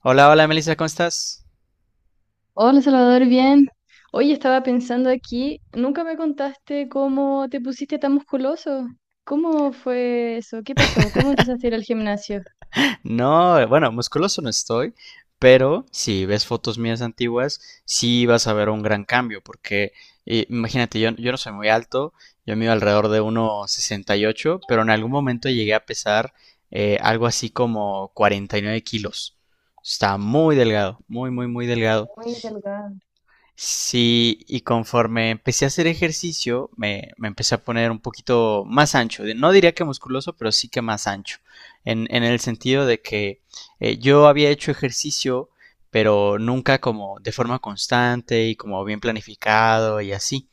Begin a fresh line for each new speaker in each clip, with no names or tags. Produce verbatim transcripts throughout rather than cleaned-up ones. Hola, hola Melissa, ¿cómo estás?
Hola Salvador, bien. Oye, estaba pensando aquí, nunca me contaste cómo te pusiste tan musculoso. ¿Cómo fue eso? ¿Qué pasó? ¿Cómo empezaste a ir al gimnasio?
No, bueno, musculoso no estoy, pero si ves fotos mías antiguas, sí vas a ver un gran cambio, porque eh, imagínate, yo, yo no soy muy alto, yo mido alrededor de uno sesenta y ocho pero en algún momento llegué a pesar eh, algo así como cuarenta y nueve kilos. Está muy delgado, muy, muy, muy delgado.
Muy delgada.
Sí, y conforme empecé a hacer ejercicio, me, me empecé a poner un poquito más ancho. De- No diría que musculoso, pero sí que más ancho. En, en el sentido de que eh, yo había hecho ejercicio, pero nunca como de forma constante y como bien planificado y así.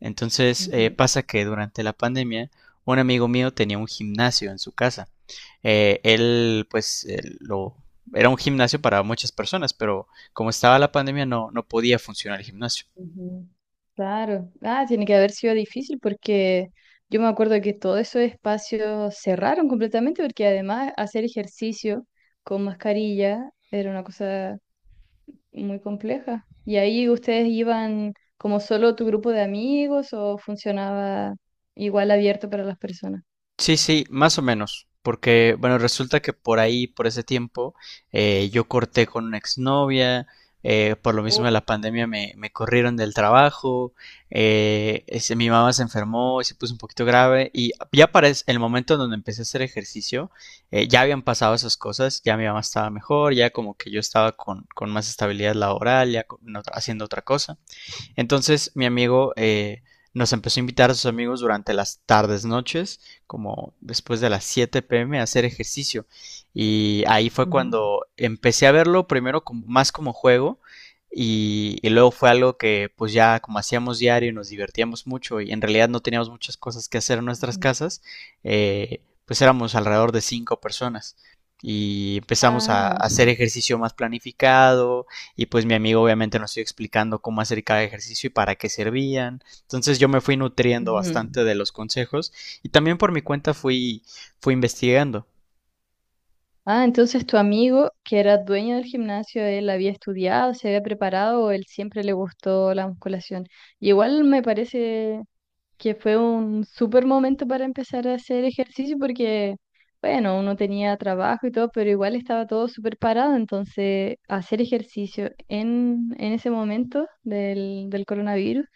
Entonces
Ujú,
eh, pasa que durante la pandemia un amigo mío tenía un gimnasio en su casa. Eh, él pues él lo, era un gimnasio para muchas personas, pero como estaba la pandemia no, no podía funcionar el gimnasio.
ujú. Claro. Ah, tiene que haber sido difícil porque yo me acuerdo que todos esos espacios cerraron completamente porque además hacer ejercicio con mascarilla era una cosa muy compleja. ¿Y ahí ustedes iban como solo tu grupo de amigos o funcionaba igual abierto para las personas?
Sí, sí, más o menos. Porque, bueno, resulta que por ahí, por ese tiempo, eh, yo corté con una exnovia, eh, por lo mismo de
Uy,
la pandemia me, me corrieron del trabajo, eh, ese- mi mamá se enfermó, y se puso un poquito grave y ya para es- el momento en donde empecé a hacer ejercicio, eh, ya habían pasado esas cosas, ya mi mamá estaba mejor, ya como que yo estaba con, con más estabilidad laboral, ya con- haciendo otra cosa. Entonces mi amigo eh, nos empezó a invitar a sus amigos durante las tardes, noches, como después de las siete p m a hacer ejercicio. Y ahí fue
ujú.
cuando empecé a verlo primero como, más como juego y, y luego fue algo que pues ya como hacíamos diario y nos divertíamos mucho y en realidad no teníamos muchas cosas que hacer en nuestras
Ujú.
casas, eh, pues éramos alrededor de cinco personas y empezamos a, a
Ah,
hacer ejercicio más planificado, y pues mi amigo obviamente nos iba explicando cómo hacer cada ejercicio y para qué servían. Entonces yo me fui nutriendo
ujú.
bastante de los consejos y también por mi cuenta fui, fui investigando.
Ah, entonces tu amigo que era dueño del gimnasio, él había estudiado, se había preparado o él siempre le gustó la musculación. Y igual me parece que fue un súper momento para empezar a hacer ejercicio porque, bueno, uno tenía trabajo y todo, pero igual estaba todo súper parado, entonces hacer ejercicio en, en ese momento del, del coronavirus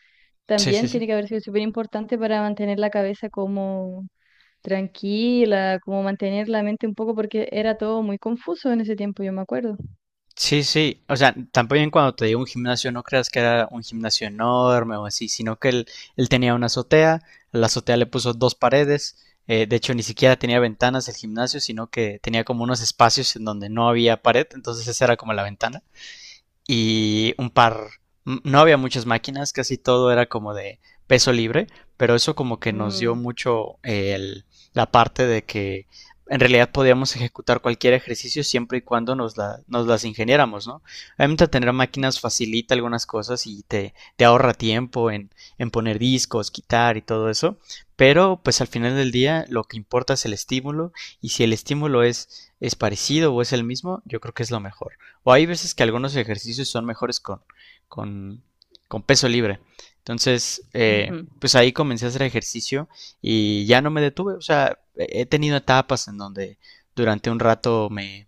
Sí, sí,
también
sí.
tiene que haber sido súper importante para mantener la cabeza como tranquila, como mantener la mente un poco porque era todo muy confuso en ese tiempo, yo me acuerdo.
Sí, sí. O sea, tampoco cuando te digo un gimnasio no creas que era un gimnasio enorme o así, sino que él, él tenía una azotea, la azotea le puso dos paredes. Eh, de hecho, ni siquiera tenía ventanas el gimnasio, sino que tenía como unos espacios en donde no había pared, entonces esa era como la ventana. Y un par, no había muchas máquinas, casi todo era como de peso libre, pero eso como que nos dio
Mm,
mucho el, la parte de que en realidad podíamos ejecutar cualquier ejercicio siempre y cuando nos, la, nos las ingeniáramos, ¿no? Obviamente tener máquinas facilita algunas cosas y te, te ahorra tiempo en, en, poner discos, quitar y todo eso, pero pues al final del día lo que importa es el estímulo y si el estímulo es, es parecido o es el mismo, yo creo que es lo mejor. O hay veces que algunos ejercicios son mejores con, con, con peso libre. Entonces, eh,
ujú.
pues ahí comencé a hacer ejercicio y ya no me detuve. O sea, he tenido etapas en donde durante un rato me,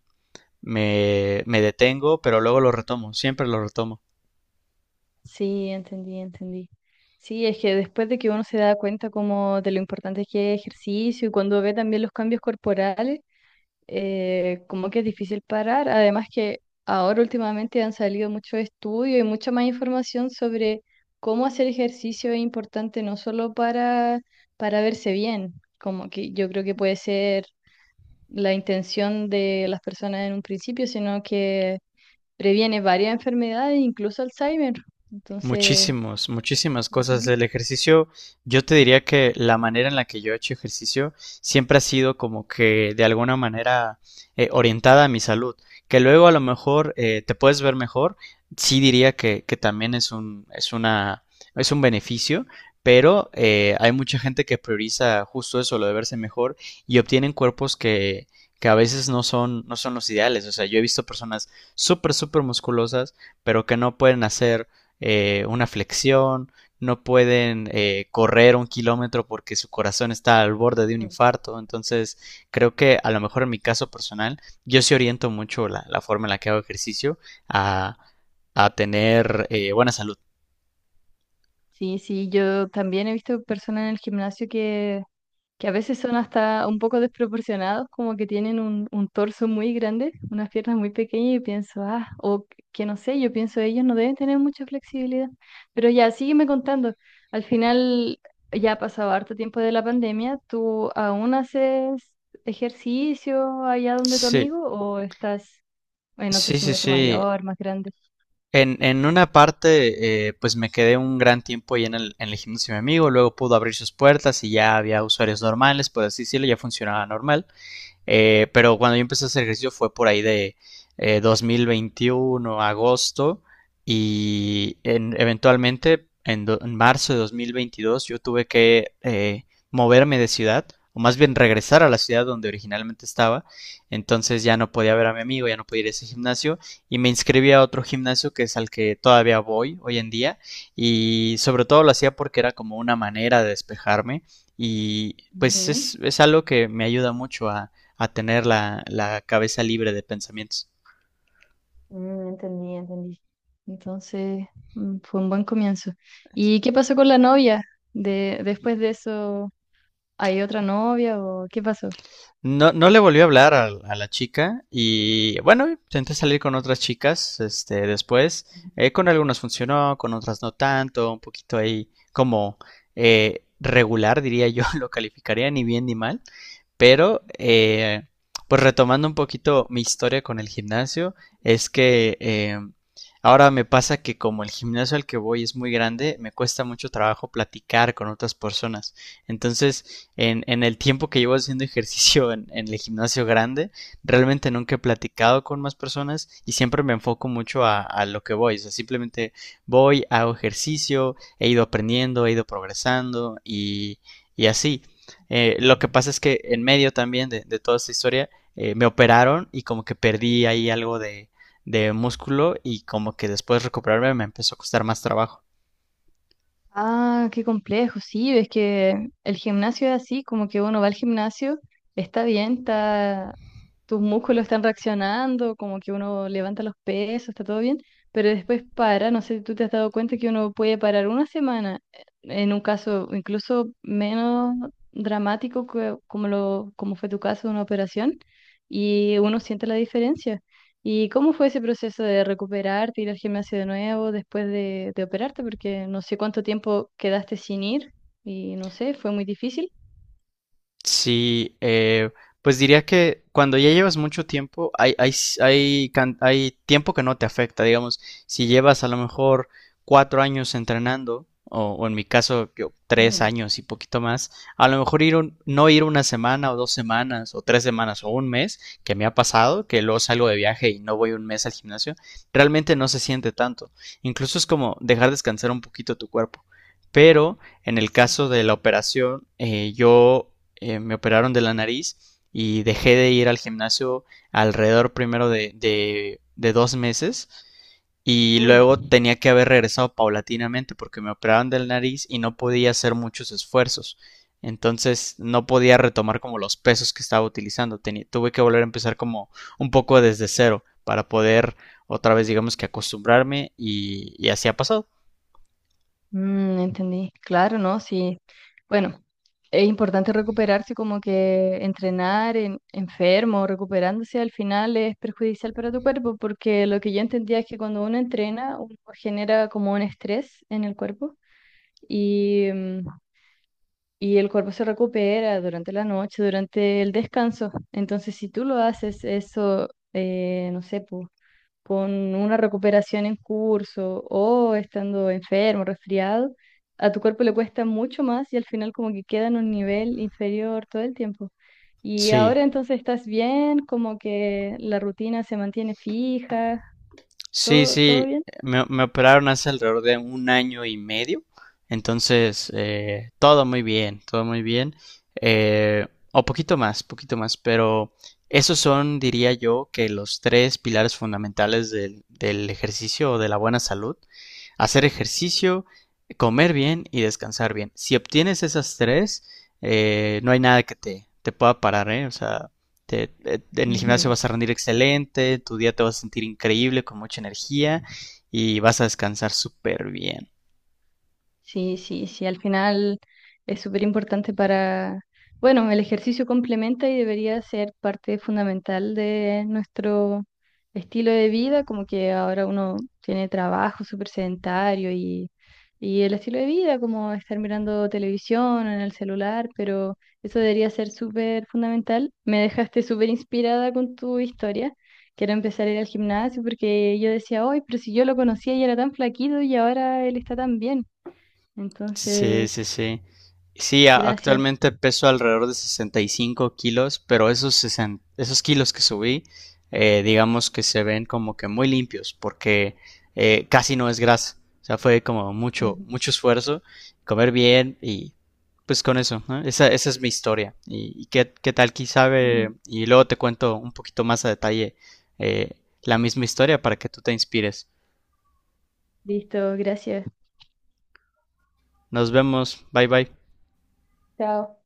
me, me detengo, pero luego lo retomo, siempre lo retomo.
Sí, entendí, entendí. Sí, es que después de que uno se da cuenta como de lo importante que es ejercicio y cuando ve también los cambios corporales, eh, como que es difícil parar. Además que ahora últimamente han salido muchos estudios y mucha más información sobre cómo hacer ejercicio es importante no solo para, para verse bien, como que yo creo que puede ser la intención de las personas en un principio, sino que previene varias enfermedades, incluso Alzheimer. Entonces...
Muchísimos, muchísimas cosas.
Ujú.
El ejercicio, yo te diría que la manera en la que yo he hecho ejercicio siempre ha sido como que de alguna manera eh, orientada a mi salud. Que luego a lo mejor eh, te puedes ver mejor, sí diría que, que también es un, es una, es un beneficio, pero eh, hay mucha gente que prioriza justo eso, lo de verse mejor, y obtienen cuerpos que, que a veces no son, no son los ideales. O sea, yo he visto personas súper, súper musculosas, pero que no pueden hacer eh, una flexión, no pueden eh, correr un kilómetro porque su corazón está al borde de un
Ujú.
infarto. Entonces, creo que a lo mejor en mi caso personal, yo sí oriento mucho la, la forma en la que hago ejercicio a, a tener eh, buena salud.
Sí, sí, yo también he visto personas en el gimnasio que, que a veces son hasta un poco desproporcionados, como que tienen un, un torso muy grande, unas piernas muy pequeñas y pienso, ah, o que no sé, yo pienso ellos no deben tener mucha flexibilidad. Pero ya, sígueme contando. Al final ya ha pasado harto tiempo de la pandemia, ¿tú aún haces ejercicio allá donde tu
Sí,
amigo o estás en otro
sí, sí,
gimnasio
sí.
mayor, más grande?
En, en una parte, eh, pues me quedé un gran tiempo ahí en el, en el gimnasio de mi amigo, luego pudo abrir sus puertas y ya había usuarios normales, por así decirlo, ya funcionaba normal. Eh, pero cuando yo empecé a hacer ejercicio fue por ahí de eh, dos mil veintiuno, agosto, y en- eventualmente en, do- en marzo de dos mil veintidós yo tuve que eh, moverme de ciudad, o más bien regresar a la ciudad donde originalmente estaba. Entonces ya no podía ver a mi amigo, ya no podía ir a ese gimnasio, y me inscribí a otro gimnasio que es al que todavía voy hoy en día, y sobre todo lo hacía porque era como una manera de despejarme. Y pues es, es algo que me ayuda mucho a tener la, la cabeza libre de pensamientos.
Mm, entendí, entendí. Entonces, mm, fue un buen comienzo. ¿Y qué pasó con la novia? De, después de eso, ¿hay otra novia o qué pasó?
No, no le volvió a hablar a, a la chica y bueno, intenté salir con otras chicas este, después. Eh, con algunas funcionó, con otras no tanto, un poquito ahí como eh, regular, diría yo, lo calificaría ni bien ni mal. Pero, eh, pues retomando un poquito mi historia con el gimnasio, es que eh, ahora me pasa que como el gimnasio al que voy es muy grande, me cuesta mucho trabajo platicar con otras personas. Entonces, en, en el tiempo que llevo haciendo ejercicio en, en el gimnasio grande, realmente nunca he platicado con más personas y siempre me enfoco mucho a, a lo que voy. O sea, simplemente voy, hago ejercicio, he ido aprendiendo, he ido progresando y y así. Eh, lo que pasa es que en medio también de, de toda esta historia eh, me operaron y como que perdí ahí algo de, de músculo y como que después de recuperarme me empezó a costar más trabajo.
Ah, qué complejo, sí, es que el gimnasio es así, como que uno va al gimnasio, está bien, está, tus músculos están reaccionando, como que uno levanta los pesos, está todo bien, pero después para, no sé si tú te has dado cuenta que uno puede parar una semana, eh, en un caso incluso menos dramático que- como lo, como fue tu caso de una operación, y uno siente la diferencia. ¿Y cómo fue ese proceso de recuperarte, ir al gimnasio de nuevo después de, de operarte? Porque no sé cuánto tiempo quedaste sin ir y no sé, fue muy difícil.
Sí, eh, pues diría que cuando ya llevas mucho tiempo, hay, hay, s- hay, can- hay tiempo que no te afecta, digamos, si llevas a lo mejor cuatro años entrenando, o, o en mi caso yo tres años y poquito más, a lo mejor ir un- no ir una semana o dos semanas o tres semanas o un mes, que me ha pasado, que luego salgo de viaje y no voy un mes al gimnasio, realmente no se siente tanto. Incluso es como dejar descansar un poquito tu cuerpo. Pero en el
Sí.
caso de la operación, eh, yo eh, me operaron de la nariz y dejé de ir al gimnasio alrededor primero de, de, de dos meses y
Uy,
luego tenía que haber regresado paulatinamente porque me operaron de la nariz y no podía hacer muchos esfuerzos. Entonces no podía retomar como los pesos que estaba utilizando. Tenía, tuve que volver a empezar como un poco desde cero para poder otra vez digamos que acostumbrarme y, y así ha pasado.
mm, entendí. Claro, ¿no? Sí. Bueno, es importante recuperarse, como que entrenar en, enfermo, recuperándose al final es perjudicial para tu cuerpo, porque lo que yo entendía es que cuando uno entrena, uno genera como un estrés en el cuerpo y mm, y el cuerpo se recupera durante la noche, durante el descanso. Entonces, si tú lo haces eso, eh, no sé, po, con una recuperación en curso o estando enfermo, resfriado, a tu cuerpo le cuesta mucho más y al final como que queda en un nivel inferior todo el tiempo. Y
Sí,
ahora entonces estás bien, como que la rutina se mantiene fija,
sí,
todo, todo
sí,
bien.
me, me operaron hace alrededor de un año y medio, entonces eh, todo muy bien, todo muy bien, eh, o poquito más, poquito más, pero esos son, diría yo, que los tres pilares fundamentales del, del ejercicio o de la buena salud, hacer ejercicio, comer bien y descansar bien. Si obtienes esas tres, eh, no hay nada que te, te pueda parar, ¿eh? O sea, te- eh, en el gimnasio
Ujú.
vas a rendir excelente, tu día te vas a sentir increíble, con mucha energía y vas a descansar súper bien.
Sí, sí, sí, al final es súper importante para, bueno, el ejercicio complementa y debería ser parte fundamental de nuestro estilo de vida, como que ahora uno tiene trabajo súper sedentario y, y el estilo de vida, como estar mirando televisión en el celular, pero eso debería ser súper fundamental. Me dejaste súper inspirada con tu historia. Quiero empezar a ir al gimnasio porque yo decía, hoy, pero si yo lo conocía y era tan flaquito y ahora él está tan bien.
Sí, sí,
Entonces,
sí. Sí, a-
gracias.
actualmente peso alrededor de sesenta y cinco kilos, pero esos, sesen- esos kilos que subí, eh, digamos que se ven como que muy limpios, porque eh, casi no es grasa. O sea, fue como mucho,
Ujú.
mucho esfuerzo, comer bien y pues con eso, ¿no? Esa, esa es mi historia. ¿Y, y qué, qué tal, quién sabe?
Ujú.
Y luego te cuento un poquito más a detalle eh, la misma historia para que tú te inspires.
Listo, gracias.
Nos vemos, bye bye.
Chao.